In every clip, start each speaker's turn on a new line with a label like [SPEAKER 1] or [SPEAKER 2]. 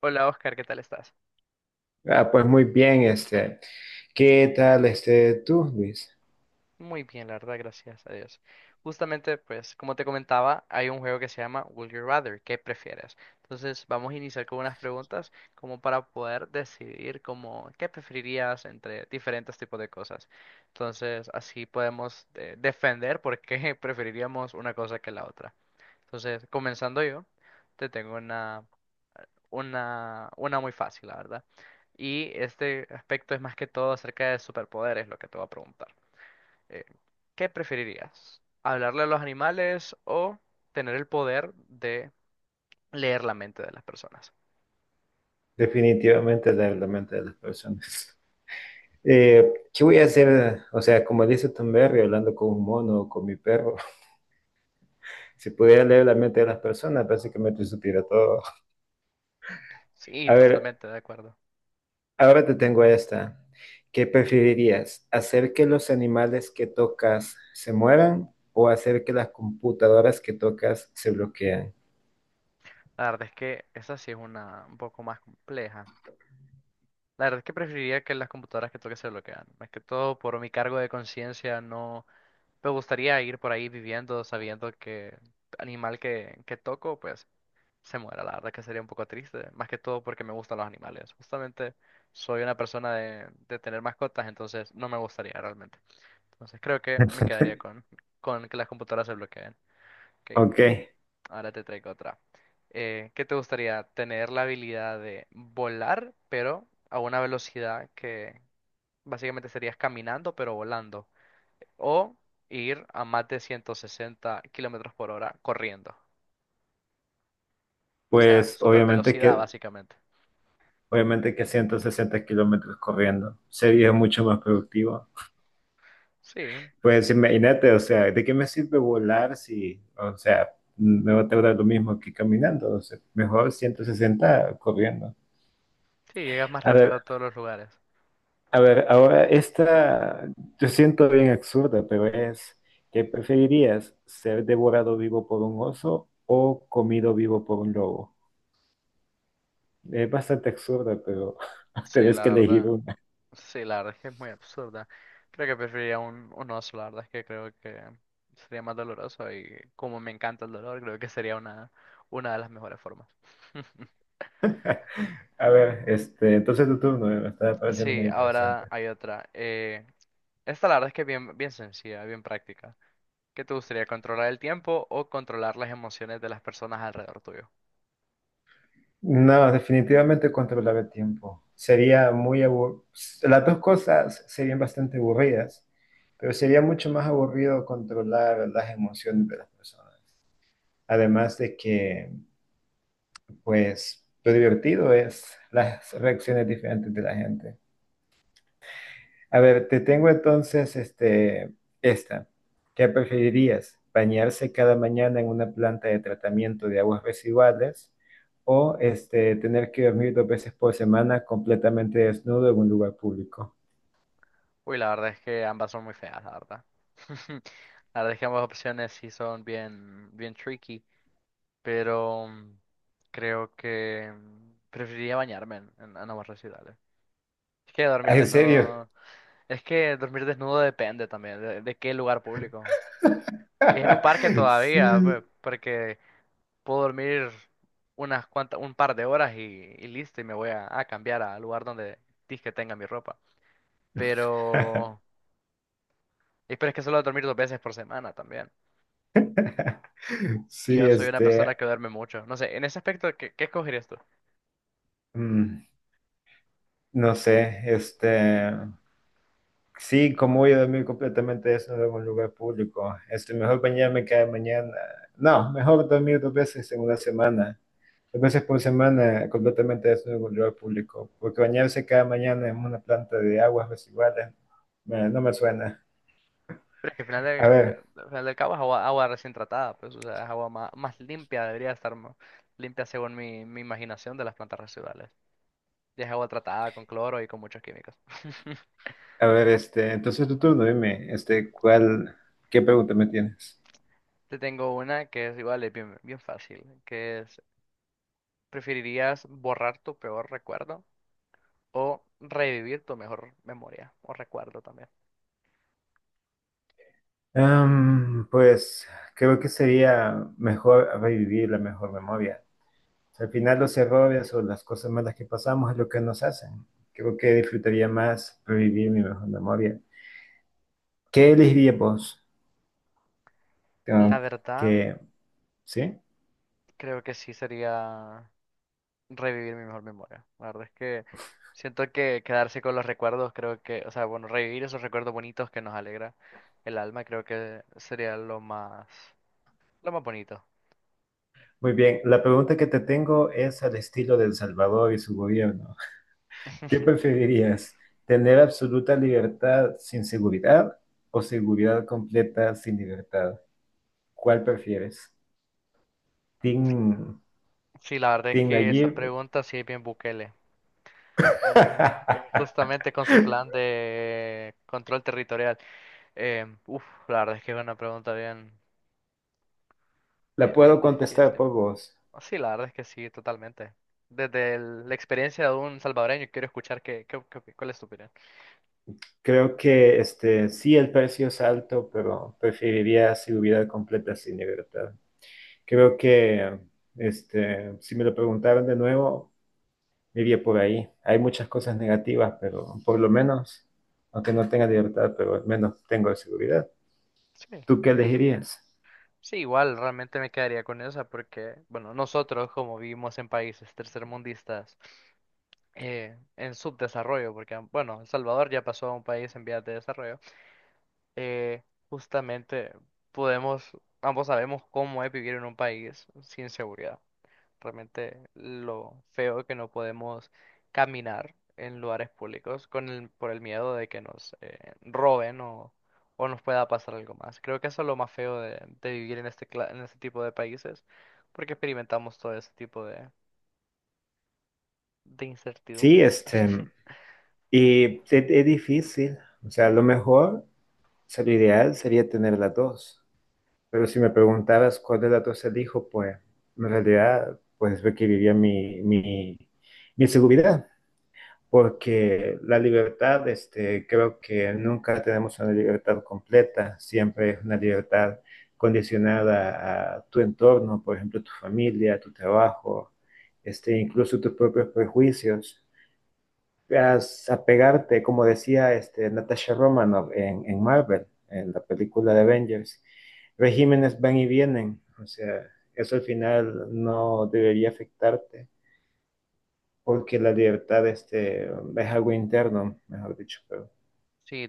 [SPEAKER 1] Hola Oscar, ¿qué tal estás?
[SPEAKER 2] Ah, pues muy bien, ¿Qué tal tú, Luis?
[SPEAKER 1] Muy bien, la verdad, gracias a Dios. Justamente, pues, como te comentaba, hay un juego que se llama Would You Rather, ¿qué prefieres? Entonces, vamos a iniciar con unas preguntas como para poder decidir como qué preferirías entre diferentes tipos de cosas. Entonces, así podemos defender por qué preferiríamos una cosa que la otra. Entonces, comenzando yo, te tengo una, una muy fácil, la verdad. Y este aspecto es más que todo acerca de superpoderes, lo que te voy a preguntar. Eh, ¿Qué preferirías? ¿Hablarle a los animales o tener el poder de leer la mente de las personas?
[SPEAKER 2] Definitivamente leer la mente de las personas. ¿Qué voy a hacer? O sea, como dice Tom Berry, hablando con un mono o con mi perro. Si pudiera leer la mente de las personas, básicamente supiera todo.
[SPEAKER 1] Sí,
[SPEAKER 2] A ver,
[SPEAKER 1] totalmente de acuerdo.
[SPEAKER 2] ahora te tengo esta. ¿Qué preferirías? ¿Hacer que los animales que tocas se mueran o hacer que las computadoras que tocas se bloqueen?
[SPEAKER 1] La verdad es que esa sí es una un poco más compleja. La verdad es que preferiría que las computadoras que toque se bloquean. Más que todo por mi cargo de conciencia, no me gustaría ir por ahí viviendo sabiendo que animal que toco, pues se muera, la verdad que sería un poco triste, más que todo porque me gustan los animales. Justamente soy una persona de tener mascotas, entonces no me gustaría realmente. Entonces creo que me quedaría con que las computadoras se bloqueen. Ok,
[SPEAKER 2] Ok,
[SPEAKER 1] ahora te traigo otra. ¿Qué te gustaría? Tener la habilidad de volar, pero a una velocidad que básicamente serías caminando, pero volando. O ir a más de 160 kilómetros por hora corriendo. O sea,
[SPEAKER 2] pues
[SPEAKER 1] super
[SPEAKER 2] obviamente
[SPEAKER 1] velocidad
[SPEAKER 2] que
[SPEAKER 1] básicamente.
[SPEAKER 2] obviamente que 160 kilómetros corriendo sería mucho más productivo.
[SPEAKER 1] Sí.
[SPEAKER 2] Pues imagínate, o sea, ¿de qué me sirve volar si, o sea, me va a tardar lo mismo que caminando? O sea, mejor 160 corriendo.
[SPEAKER 1] Sí, llegas más
[SPEAKER 2] A ver,
[SPEAKER 1] rápido a todos los lugares.
[SPEAKER 2] a ver, ahora esta, yo siento bien ¿qué preferirías? ¿Ser devorado vivo por un oso o comido vivo por un lobo? Es bastante absurda, pero
[SPEAKER 1] Sí,
[SPEAKER 2] tenés
[SPEAKER 1] la
[SPEAKER 2] que elegir
[SPEAKER 1] verdad.
[SPEAKER 2] uno.
[SPEAKER 1] Sí, la verdad es que es muy absurda. Creo que preferiría un oso, la verdad es que creo que sería más doloroso y como me encanta el dolor, creo que sería una de las mejores formas.
[SPEAKER 2] A ver, entonces tu turno, me está pareciendo
[SPEAKER 1] Sí,
[SPEAKER 2] muy
[SPEAKER 1] ahora
[SPEAKER 2] interesante.
[SPEAKER 1] hay otra. Esta la verdad es que es bien, bien sencilla, bien práctica. ¿Qué te gustaría, controlar el tiempo o controlar las emociones de las personas alrededor tuyo?
[SPEAKER 2] No, definitivamente controlar el tiempo. Sería muy aburrido. Las dos cosas serían bastante aburridas, pero sería mucho más aburrido controlar las emociones de las personas. Además de que, pues, lo divertido es las reacciones diferentes de la gente. A ver, te tengo esta. ¿Qué preferirías? ¿Bañarse cada mañana en una planta de tratamiento de aguas residuales o tener que dormir dos veces por semana completamente desnudo en un lugar público?
[SPEAKER 1] Uy, la verdad es que ambas son muy feas, la verdad. La verdad es que ambas opciones sí son bien, bien tricky. Pero creo que preferiría bañarme en aguas residuales. Es que dormir
[SPEAKER 2] Ah, ¿en serio?
[SPEAKER 1] desnudo, es que dormir desnudo depende también de qué lugar público. Si es en un parque todavía,
[SPEAKER 2] Sí.
[SPEAKER 1] pues, porque puedo dormir unas cuantas, un par de horas y listo, y me voy a cambiar al lugar donde que tenga mi ropa. Pero, y pero es que solo dormir dos veces por semana también. Y
[SPEAKER 2] Sí,
[SPEAKER 1] yo soy una persona que duerme mucho. No sé, en ese aspecto, ¿qué, qué escogerías tú?
[SPEAKER 2] mm, no sé, sí, como voy a dormir completamente desnudo en un lugar público. Este, mejor bañarme cada mañana. No, mejor dormir dos veces en una semana. Dos veces por semana completamente desnudo en un lugar público. Porque bañarse cada mañana en una planta de aguas residuales no me suena.
[SPEAKER 1] Pero es que al final
[SPEAKER 2] A
[SPEAKER 1] del,
[SPEAKER 2] ver,
[SPEAKER 1] al final del cabo es agua, agua recién tratada, pues, o sea, es agua más, más limpia, debería estar más limpia según mi, mi imaginación de las plantas residuales. Y es agua tratada con cloro y con muchos químicos.
[SPEAKER 2] a ver, entonces tu turno, dime, ¿qué pregunta me tienes?
[SPEAKER 1] Te tengo una que es igual, es bien, bien fácil, que es, ¿preferirías borrar tu peor recuerdo o revivir tu mejor memoria o recuerdo también?
[SPEAKER 2] Am, pues creo que sería mejor revivir la mejor memoria. Al final los errores o las cosas malas que pasamos es lo que nos hacen. Creo que disfrutaría más revivir mi mejor memoria. ¿Qué elegirías vos?
[SPEAKER 1] La
[SPEAKER 2] Tengo
[SPEAKER 1] verdad,
[SPEAKER 2] que, ¿sí?
[SPEAKER 1] creo que sí sería... revivir mi mejor memoria. La verdad es que siento que quedarse con los recuerdos, creo que, o sea, bueno, revivir esos recuerdos bonitos que nos alegra el alma, creo que sería lo más bonito.
[SPEAKER 2] Muy bien, la pregunta que te tengo es al estilo de El Salvador y su gobierno. ¿Qué preferirías? ¿Tener absoluta libertad sin seguridad o seguridad completa sin libertad? ¿Cuál prefieres? Team,
[SPEAKER 1] Sí, la verdad es
[SPEAKER 2] Team
[SPEAKER 1] que esa
[SPEAKER 2] Nayib.
[SPEAKER 1] pregunta sí es bien Bukele. Justamente con su plan de control territorial. Uf, la verdad es que es una pregunta bien,
[SPEAKER 2] La
[SPEAKER 1] bien
[SPEAKER 2] puedo contestar
[SPEAKER 1] difícil.
[SPEAKER 2] por vos.
[SPEAKER 1] Sí, la verdad es que sí, totalmente. Desde la experiencia de un salvadoreño, quiero escuchar cuál es tu opinión.
[SPEAKER 2] Creo que sí, el precio es alto, pero preferiría seguridad completa sin libertad. Creo que si me lo preguntaran de nuevo, me iría por ahí. Hay muchas cosas negativas, pero por lo menos, aunque no tenga libertad, pero al menos tengo seguridad.
[SPEAKER 1] Sí.
[SPEAKER 2] ¿Tú qué elegirías?
[SPEAKER 1] Sí, igual realmente me quedaría con esa porque, bueno, nosotros como vivimos en países tercermundistas en subdesarrollo, porque, bueno, El Salvador ya pasó a un país en vías de desarrollo, eh, justamente podemos, ambos sabemos cómo es vivir en un país sin seguridad realmente lo feo que no podemos caminar en lugares públicos con el, por el miedo de que nos roben o nos pueda pasar algo más. Creo que eso es lo más feo de vivir en este, en este tipo de países, porque experimentamos todo ese tipo de
[SPEAKER 2] Sí,
[SPEAKER 1] incertidumbres.
[SPEAKER 2] y es difícil. O sea, lo mejor, o sea, lo ideal sería tener las dos. Pero si me preguntaras cuál de las dos elijo, pues en realidad pues requeriría mi seguridad, porque la libertad, creo que nunca tenemos una libertad completa, siempre es una libertad condicionada a tu entorno, por ejemplo, tu familia, tu trabajo, incluso tus propios prejuicios a apegarte, como decía Natasha Romanoff en Marvel, en la película de Avengers. Regímenes van y vienen, o sea, eso al final no debería afectarte, porque la libertad, es algo interno, mejor dicho, pero
[SPEAKER 1] Sí,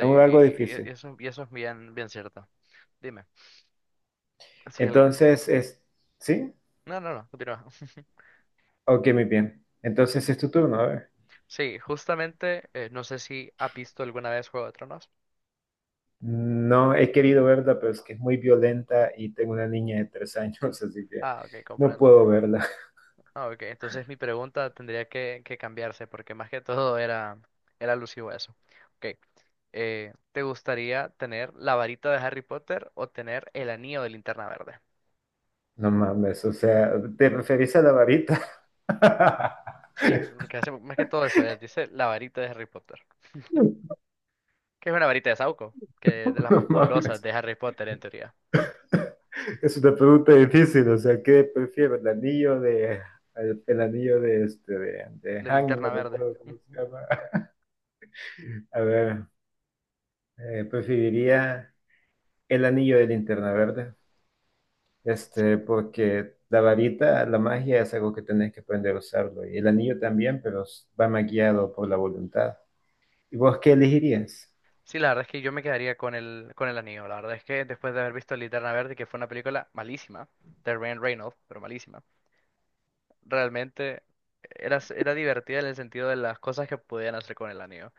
[SPEAKER 2] es algo
[SPEAKER 1] y,
[SPEAKER 2] difícil.
[SPEAKER 1] eso, y eso es bien, bien cierto. Dime. Sí,
[SPEAKER 2] Entonces, es, ¿sí?
[SPEAKER 1] no, no, no, continúa.
[SPEAKER 2] Ok, muy bien. Entonces es tu turno, a ver.
[SPEAKER 1] Sí, justamente, no sé si ha visto alguna vez Juego de Tronos.
[SPEAKER 2] No he querido verla, pero es que es muy violenta y tengo una niña de 3 años, así que
[SPEAKER 1] Ah, ok,
[SPEAKER 2] no
[SPEAKER 1] comprendo.
[SPEAKER 2] puedo verla.
[SPEAKER 1] Ah, ok, entonces mi pregunta tendría que cambiarse porque más que todo era, era alusivo a eso. Ok, ¿te gustaría tener la varita de Harry Potter o tener el anillo de Linterna Verde?
[SPEAKER 2] No mames, o sea, ¿te referís a la varita?
[SPEAKER 1] Sí, porque hace más que todo eso, dice la varita de Harry Potter, que es una varita de Sauco, que es
[SPEAKER 2] No
[SPEAKER 1] de las más poderosas
[SPEAKER 2] mames.
[SPEAKER 1] de Harry Potter en teoría,
[SPEAKER 2] Es una pregunta difícil, o sea, ¿qué prefiero? ¿El el anillo de de
[SPEAKER 1] de
[SPEAKER 2] Hangman,
[SPEAKER 1] Linterna
[SPEAKER 2] no
[SPEAKER 1] Verde.
[SPEAKER 2] recuerdo cómo se
[SPEAKER 1] Ujú.
[SPEAKER 2] llama? A ver, preferiría el anillo de Linterna Verde,
[SPEAKER 1] Sí.
[SPEAKER 2] porque la varita, la magia es algo que tenés que aprender a usarlo, y el anillo también, pero va más guiado por la voluntad. ¿Y vos qué elegirías?
[SPEAKER 1] Sí, la verdad es que yo me quedaría con el anillo, la verdad es que después de haber visto Linterna Verde, que fue una película malísima, de Ryan Reynolds, pero malísima. Realmente era, era divertida en el sentido de las cosas que podían hacer con el anillo.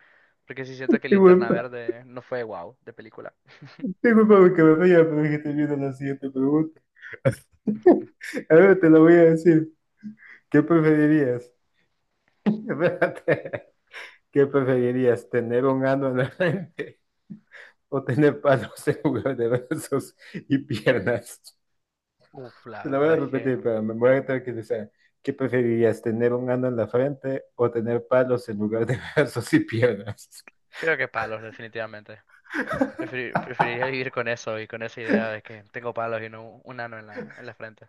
[SPEAKER 1] Porque sí siento que
[SPEAKER 2] Qué buen
[SPEAKER 1] Linterna Verde no fue wow de película.
[SPEAKER 2] Disculpame que me vaya, pero es que te viendo la siguiente pregunta. Ahora te la voy a decir. ¿Qué preferirías? Espérate. ¿Qué preferirías? ¿Tener un ano en la frente o tener palos en lugar de brazos y piernas?
[SPEAKER 1] Uf,
[SPEAKER 2] Te
[SPEAKER 1] la
[SPEAKER 2] la voy a
[SPEAKER 1] verdad es que
[SPEAKER 2] repetir, pero me voy a tranquilizar. ¿Qué preferirías? ¿Tener un ano en la frente o tener palos en lugar de brazos y piernas?
[SPEAKER 1] creo que palos, definitivamente. Preferiría vivir con eso y con esa idea de que tengo palos y no un ano en la frente.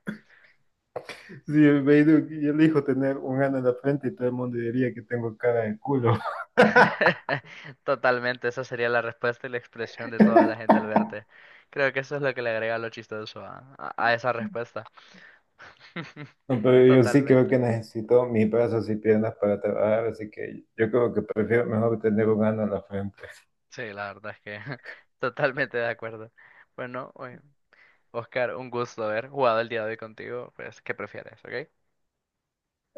[SPEAKER 2] Sí, me digo que yo elijo tener un ano en la frente y todo el mundo diría que tengo cara de culo.
[SPEAKER 1] Totalmente, esa sería la respuesta y la expresión de toda la gente al verte. Creo que eso es lo que le agrega lo chistoso a esa respuesta.
[SPEAKER 2] No, pero yo sí creo que
[SPEAKER 1] Totalmente.
[SPEAKER 2] necesito mis brazos y piernas para trabajar, así que yo creo que prefiero mejor tener un ano en la frente.
[SPEAKER 1] Sí, la verdad es que totalmente de acuerdo. Bueno, oye, Oscar, un gusto haber jugado el día de hoy contigo. Pues, ¿qué prefieres? ¿Ok?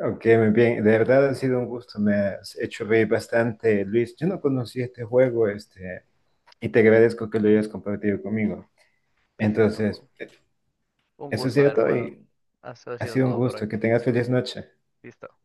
[SPEAKER 2] Ok, muy bien, de verdad ha sido un gusto, me has hecho reír bastante, Luis. Yo no conocí este juego, y te agradezco que lo hayas compartido conmigo.
[SPEAKER 1] Perfecto, un,
[SPEAKER 2] Entonces,
[SPEAKER 1] un
[SPEAKER 2] eso ha
[SPEAKER 1] gusto
[SPEAKER 2] sido
[SPEAKER 1] haber
[SPEAKER 2] todo
[SPEAKER 1] jugado.
[SPEAKER 2] y
[SPEAKER 1] Eso ha
[SPEAKER 2] ha
[SPEAKER 1] sido
[SPEAKER 2] sido un
[SPEAKER 1] todo por hoy.
[SPEAKER 2] gusto, que tengas feliz noche.
[SPEAKER 1] Listo.